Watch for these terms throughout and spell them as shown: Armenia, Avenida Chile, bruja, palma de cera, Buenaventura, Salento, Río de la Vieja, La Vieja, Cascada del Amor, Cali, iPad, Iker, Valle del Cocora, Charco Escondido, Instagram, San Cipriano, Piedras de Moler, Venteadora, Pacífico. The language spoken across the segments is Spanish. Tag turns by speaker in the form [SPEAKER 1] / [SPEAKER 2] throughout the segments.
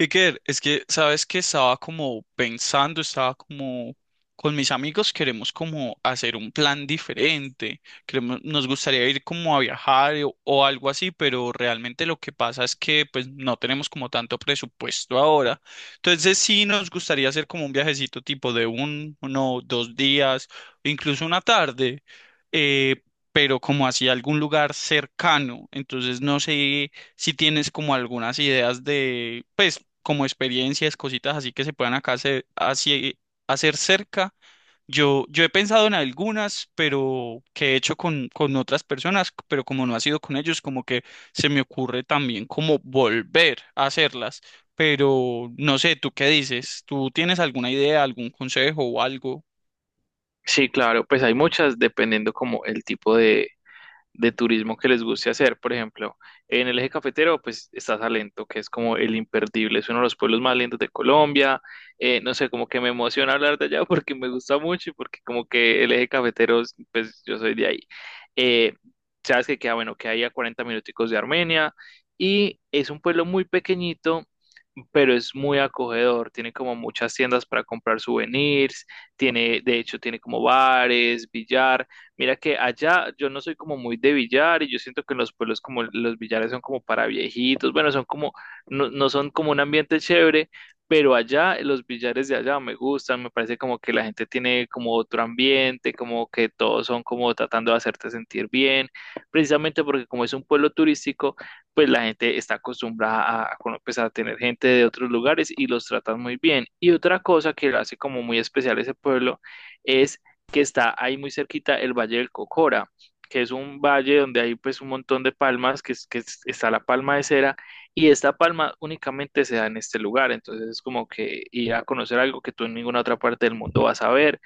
[SPEAKER 1] Iker, es que, sabes que estaba como pensando, estaba como con mis amigos queremos como hacer un plan diferente, queremos, nos gustaría ir como a viajar o algo así, pero realmente lo que pasa es que pues no tenemos como tanto presupuesto ahora. Entonces sí nos gustaría hacer como un viajecito tipo de uno, 2 días, incluso una tarde, eh, pero como hacia algún lugar cercano. Entonces no sé si tienes como algunas ideas de, pues, como experiencias, cositas así que se puedan acá hacer, hacer cerca. Yo he pensado en algunas, pero que he hecho con, otras personas, pero como no ha sido con ellos, como que se me ocurre también como volver a hacerlas. Pero no sé, ¿tú qué dices? ¿Tú tienes alguna idea, algún consejo o algo?
[SPEAKER 2] Sí, claro, pues hay muchas dependiendo como el tipo de turismo que les guste hacer. Por ejemplo, en el eje cafetero, pues está Salento, que es como el imperdible, es uno de los pueblos más lindos de Colombia. No sé, como que me emociona hablar de allá porque me gusta mucho y porque como que el eje cafetero, pues yo soy de ahí. Eh, sabes que queda, bueno, que hay a 40 minuticos de Armenia y es un pueblo muy pequeñito, pero es muy acogedor, tiene como muchas tiendas para comprar souvenirs, tiene, de hecho, tiene como bares, billar. Mira que allá yo no soy como muy de billar y yo siento que en los pueblos como los billares son como para viejitos, bueno, son como, no, no son como un ambiente chévere, pero allá los billares de allá me gustan, me parece como que la gente tiene como otro ambiente, como que todos son como tratando de hacerte sentir bien, precisamente porque como es un pueblo turístico, pues la gente está acostumbrada a, pues, a tener gente de otros lugares y los tratan muy bien. Y otra cosa que lo hace como muy especial ese pueblo, es que está ahí muy cerquita el Valle del Cocora, que es un valle donde hay pues un montón de palmas, que, está la palma de cera, y esta palma únicamente se da en este lugar, entonces es como que ir a conocer algo que tú en ninguna otra parte del mundo vas a ver.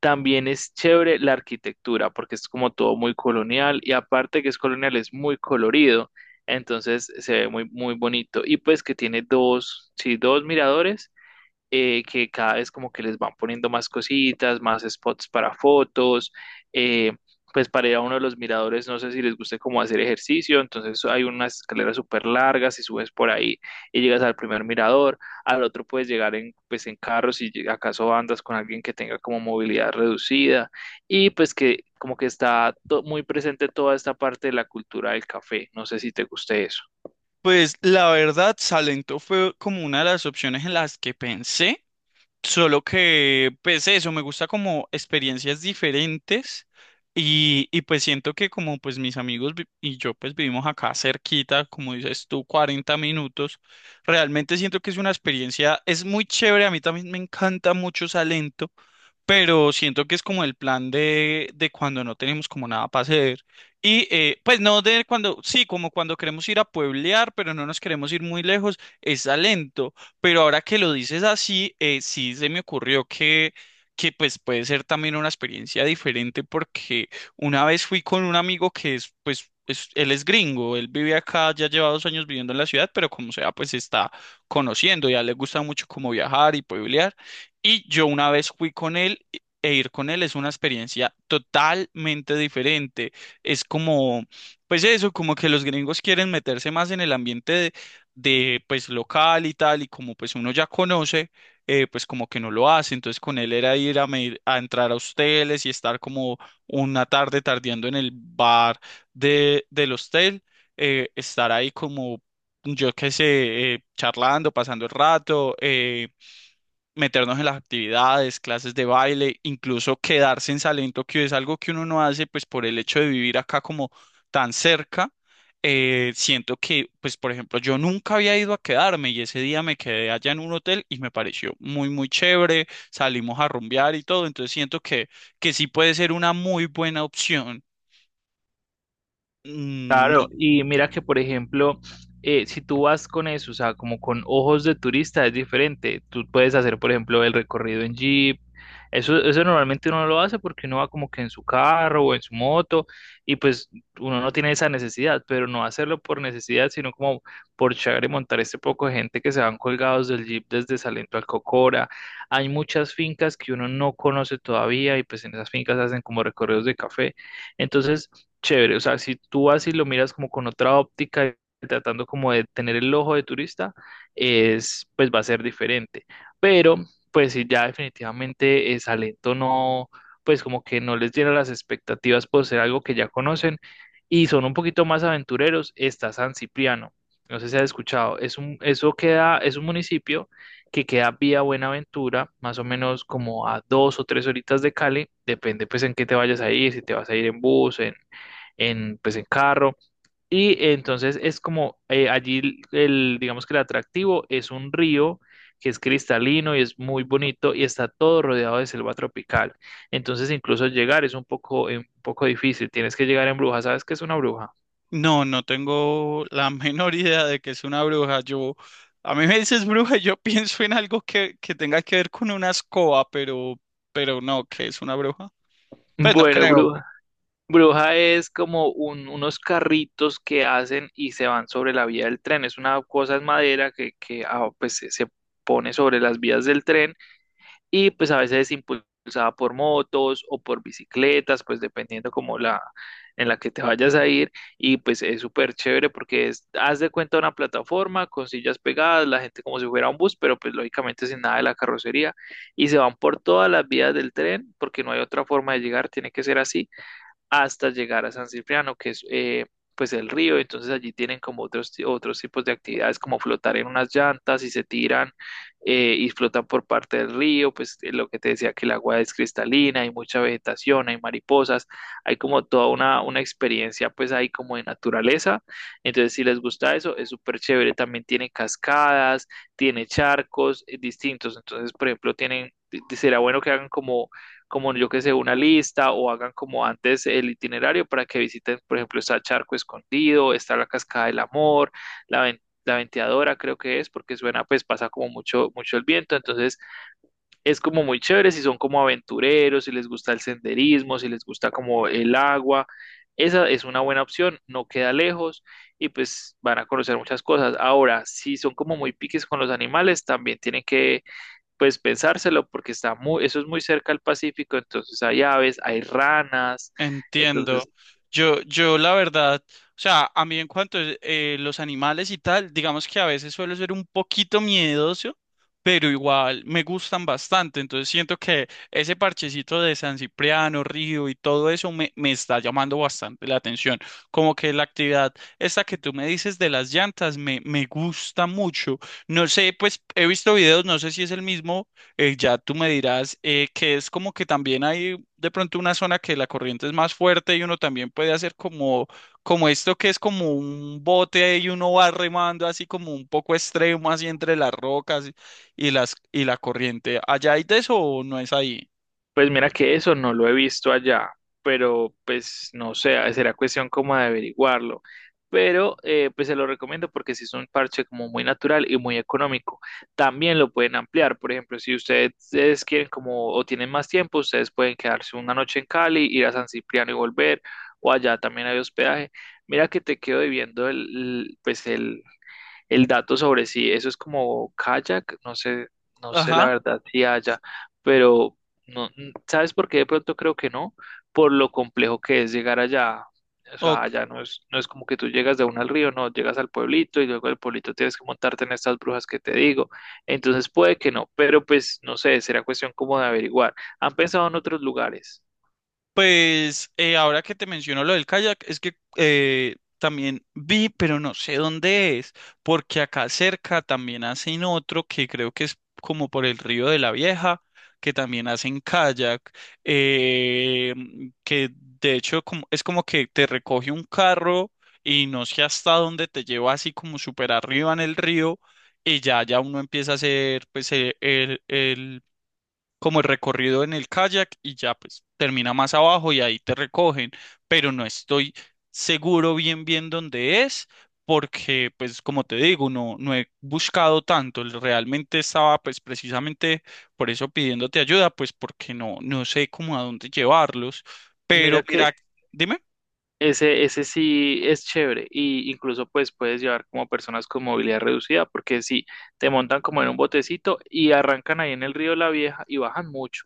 [SPEAKER 2] También es chévere la arquitectura, porque es como todo muy colonial, y aparte que es colonial, es muy colorido, entonces se ve muy, muy bonito, y pues que tiene dos, sí, dos miradores, que cada vez como que les van poniendo más cositas, más spots para fotos. eh, pues para ir a uno de los miradores, no sé si les guste como hacer ejercicio, entonces hay unas escaleras súper largas y subes por ahí y llegas al primer mirador. Al otro puedes llegar en, pues en carro si acaso andas con alguien que tenga como movilidad reducida, y pues que como que está muy presente toda esta parte de la cultura del café, no sé si te guste eso.
[SPEAKER 1] Pues la verdad, Salento fue como una de las opciones en las que pensé. Solo que, pues eso, me gusta como experiencias diferentes y pues siento que como pues mis amigos y yo pues vivimos acá cerquita, como dices tú, 40 minutos, realmente siento que es una experiencia, es muy chévere, a mí también me encanta mucho Salento, pero siento que es como el plan de, cuando no tenemos como nada para hacer y pues no de cuando, sí, como cuando queremos ir a pueblear, pero no nos queremos ir muy lejos, es Salento. Pero ahora que lo dices así, sí se me ocurrió que, pues puede ser también una experiencia diferente porque una vez fui con un amigo que es, pues, él es gringo, él vive acá, ya lleva 2 años viviendo en la ciudad, pero como sea, pues está conociendo, ya le gusta mucho como viajar y pueblear. Y yo una vez fui con él e ir con él es una experiencia totalmente diferente. Es como, pues eso, como que los gringos quieren meterse más en el ambiente de pues local y tal, y como pues uno ya conoce, pues como que no lo hace, entonces con él era ir a entrar a hosteles y estar como una tarde tardeando en el bar de, del hostel, estar ahí como, yo qué sé, charlando, pasando el rato, meternos en las actividades, clases de baile, incluso quedarse en Salento, que es algo que uno no hace, pues por el hecho de vivir acá como tan cerca. Siento que, pues por ejemplo, yo nunca había ido a quedarme y ese día me quedé allá en un hotel y me pareció muy, muy chévere, salimos a rumbear y todo, entonces siento que, sí puede ser una muy buena opción. Mm.
[SPEAKER 2] Claro, y mira que por ejemplo, si tú vas con eso, o sea, como con ojos de turista es diferente. Tú puedes hacer, por ejemplo, el recorrido en jeep. Eso normalmente uno no lo hace porque uno va como que en su carro o en su moto, y pues uno no tiene esa necesidad, pero no hacerlo por necesidad, sino como por llegar y montar este poco de gente que se van colgados del jeep desde Salento al Cocora. Hay muchas fincas que uno no conoce todavía y pues en esas fincas hacen como recorridos de café. Entonces chévere. O sea, si tú vas y lo miras como con otra óptica, tratando como de tener el ojo de turista, es, pues va a ser diferente. Pero, pues sí, ya definitivamente, Salento no, pues como que no les llena las expectativas por ser algo que ya conocen y son un poquito más aventureros, está San Cipriano. No sé si has escuchado, es un, eso queda, es un municipio que queda vía Buenaventura, más o menos como a dos o tres horitas de Cali, depende pues en qué te vayas a ir, si te vas a ir en bus, en, pues, en carro. Y entonces es como, allí el, digamos que el atractivo es un río que es cristalino y es muy bonito y está todo rodeado de selva tropical. Entonces incluso llegar es un poco difícil. Tienes que llegar en bruja. ¿Sabes qué es una bruja?
[SPEAKER 1] No, no tengo la menor idea de que es una bruja. Yo, a mí me dices bruja, y yo pienso en algo que tenga que ver con una escoba, pero no, que es una bruja. Pues no
[SPEAKER 2] Bueno,
[SPEAKER 1] creo.
[SPEAKER 2] bruja. Bruja es como unos carritos que hacen y se van sobre la vía del tren. Es una cosa en madera que pues, se pone sobre las vías del tren, y pues a veces es impulsada por motos o por bicicletas, pues dependiendo como la en la que te vayas a ir, y pues es súper chévere porque es, haz de cuenta una plataforma con sillas pegadas, la gente como si fuera un bus, pero pues lógicamente sin nada de la carrocería, y se van por todas las vías del tren porque no hay otra forma de llegar, tiene que ser así hasta llegar a San Cipriano, que es, pues el río. Entonces allí tienen como otros, otros tipos de actividades como flotar en unas llantas y se tiran, y flotan por parte del río. Pues lo que te decía que el agua es cristalina, hay mucha vegetación, hay mariposas, hay como toda una experiencia pues ahí como de naturaleza. Entonces si les gusta eso, es súper chévere. También tiene cascadas, tiene charcos, distintos. Entonces, por ejemplo, tienen... Será bueno que hagan como como yo que sé, una lista o hagan como antes el itinerario para que visiten, por ejemplo, está Charco Escondido, está la Cascada del Amor, la, la Venteadora creo que es, porque suena, pues pasa como mucho, mucho el viento, entonces es como muy chévere si son como aventureros, si les gusta el senderismo, si les gusta como el agua, esa es una buena opción, no queda lejos y pues van a conocer muchas cosas. Ahora, si son como muy piques con los animales, también tienen que pues pensárselo porque está muy, eso es muy cerca al Pacífico, entonces hay aves, hay ranas,
[SPEAKER 1] Entiendo.
[SPEAKER 2] entonces,
[SPEAKER 1] Yo la verdad, o sea, a mí en cuanto a los animales y tal, digamos que a veces suelo ser un poquito miedoso, pero igual me gustan bastante. Entonces siento que ese parchecito de San Cipriano, Río y todo eso me está llamando bastante la atención. Como que la actividad esta que tú me dices de las llantas me gusta mucho. No sé, pues he visto videos, no sé si es el mismo, ya tú me dirás, que es como que también hay de pronto una zona que la corriente es más fuerte y uno también puede hacer como, como esto que es como un bote y uno va remando así como un poco extremo, así entre las rocas y la corriente. ¿Allá hay de eso o no es ahí?
[SPEAKER 2] pues mira que eso no lo he visto allá, pero pues no sé, será cuestión como de averiguarlo. Pero pues se lo recomiendo porque si es un parche como muy natural y muy económico. También lo pueden ampliar. Por ejemplo, si ustedes quieren como o tienen más tiempo, ustedes pueden quedarse una noche en Cali, ir a San Cipriano y volver, o allá también hay hospedaje. Mira que te quedo debiendo el, pues el dato sobre si eso es como kayak, no sé, no sé la
[SPEAKER 1] Ajá.
[SPEAKER 2] verdad si haya, pero no, ¿sabes por qué de pronto creo que no? Por lo complejo que es llegar allá. O sea,
[SPEAKER 1] Ok.
[SPEAKER 2] allá no es, no es como que tú llegas de una al río, no, llegas al pueblito y luego del pueblito tienes que montarte en estas brujas que te digo. Entonces puede que no, pero pues no sé, será cuestión como de averiguar. ¿Han pensado en otros lugares?
[SPEAKER 1] Pues ahora que te menciono lo del kayak, es que también vi, pero no sé dónde es, porque acá cerca también hacen otro que creo que es como por el río de la Vieja, que también hacen kayak, eh, que de hecho es como que te recoge un carro y no sé hasta dónde te lleva así como súper arriba en el río y ya uno empieza a hacer pues el como el recorrido en el kayak y ya pues termina más abajo y ahí te recogen, pero no estoy seguro bien bien dónde es porque pues como te digo, no he buscado tanto, realmente estaba pues precisamente por eso pidiéndote ayuda, pues porque no sé cómo a dónde llevarlos, pero
[SPEAKER 2] Mira que
[SPEAKER 1] mira, dime,
[SPEAKER 2] ese sí es chévere y incluso pues puedes llevar como personas con movilidad reducida porque si te montan como en un botecito y arrancan ahí en el río La Vieja y bajan mucho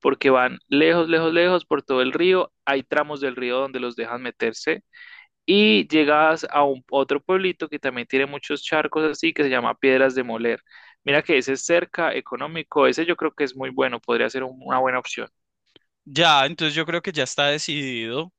[SPEAKER 2] porque van lejos, lejos, lejos por todo el río. Hay tramos del río donde los dejan meterse y llegas a un otro pueblito que también tiene muchos charcos así que se llama Piedras de Moler. Mira que ese es cerca, económico, ese yo creo que es muy bueno, podría ser una buena opción.
[SPEAKER 1] ya, entonces yo creo que ya está decidido.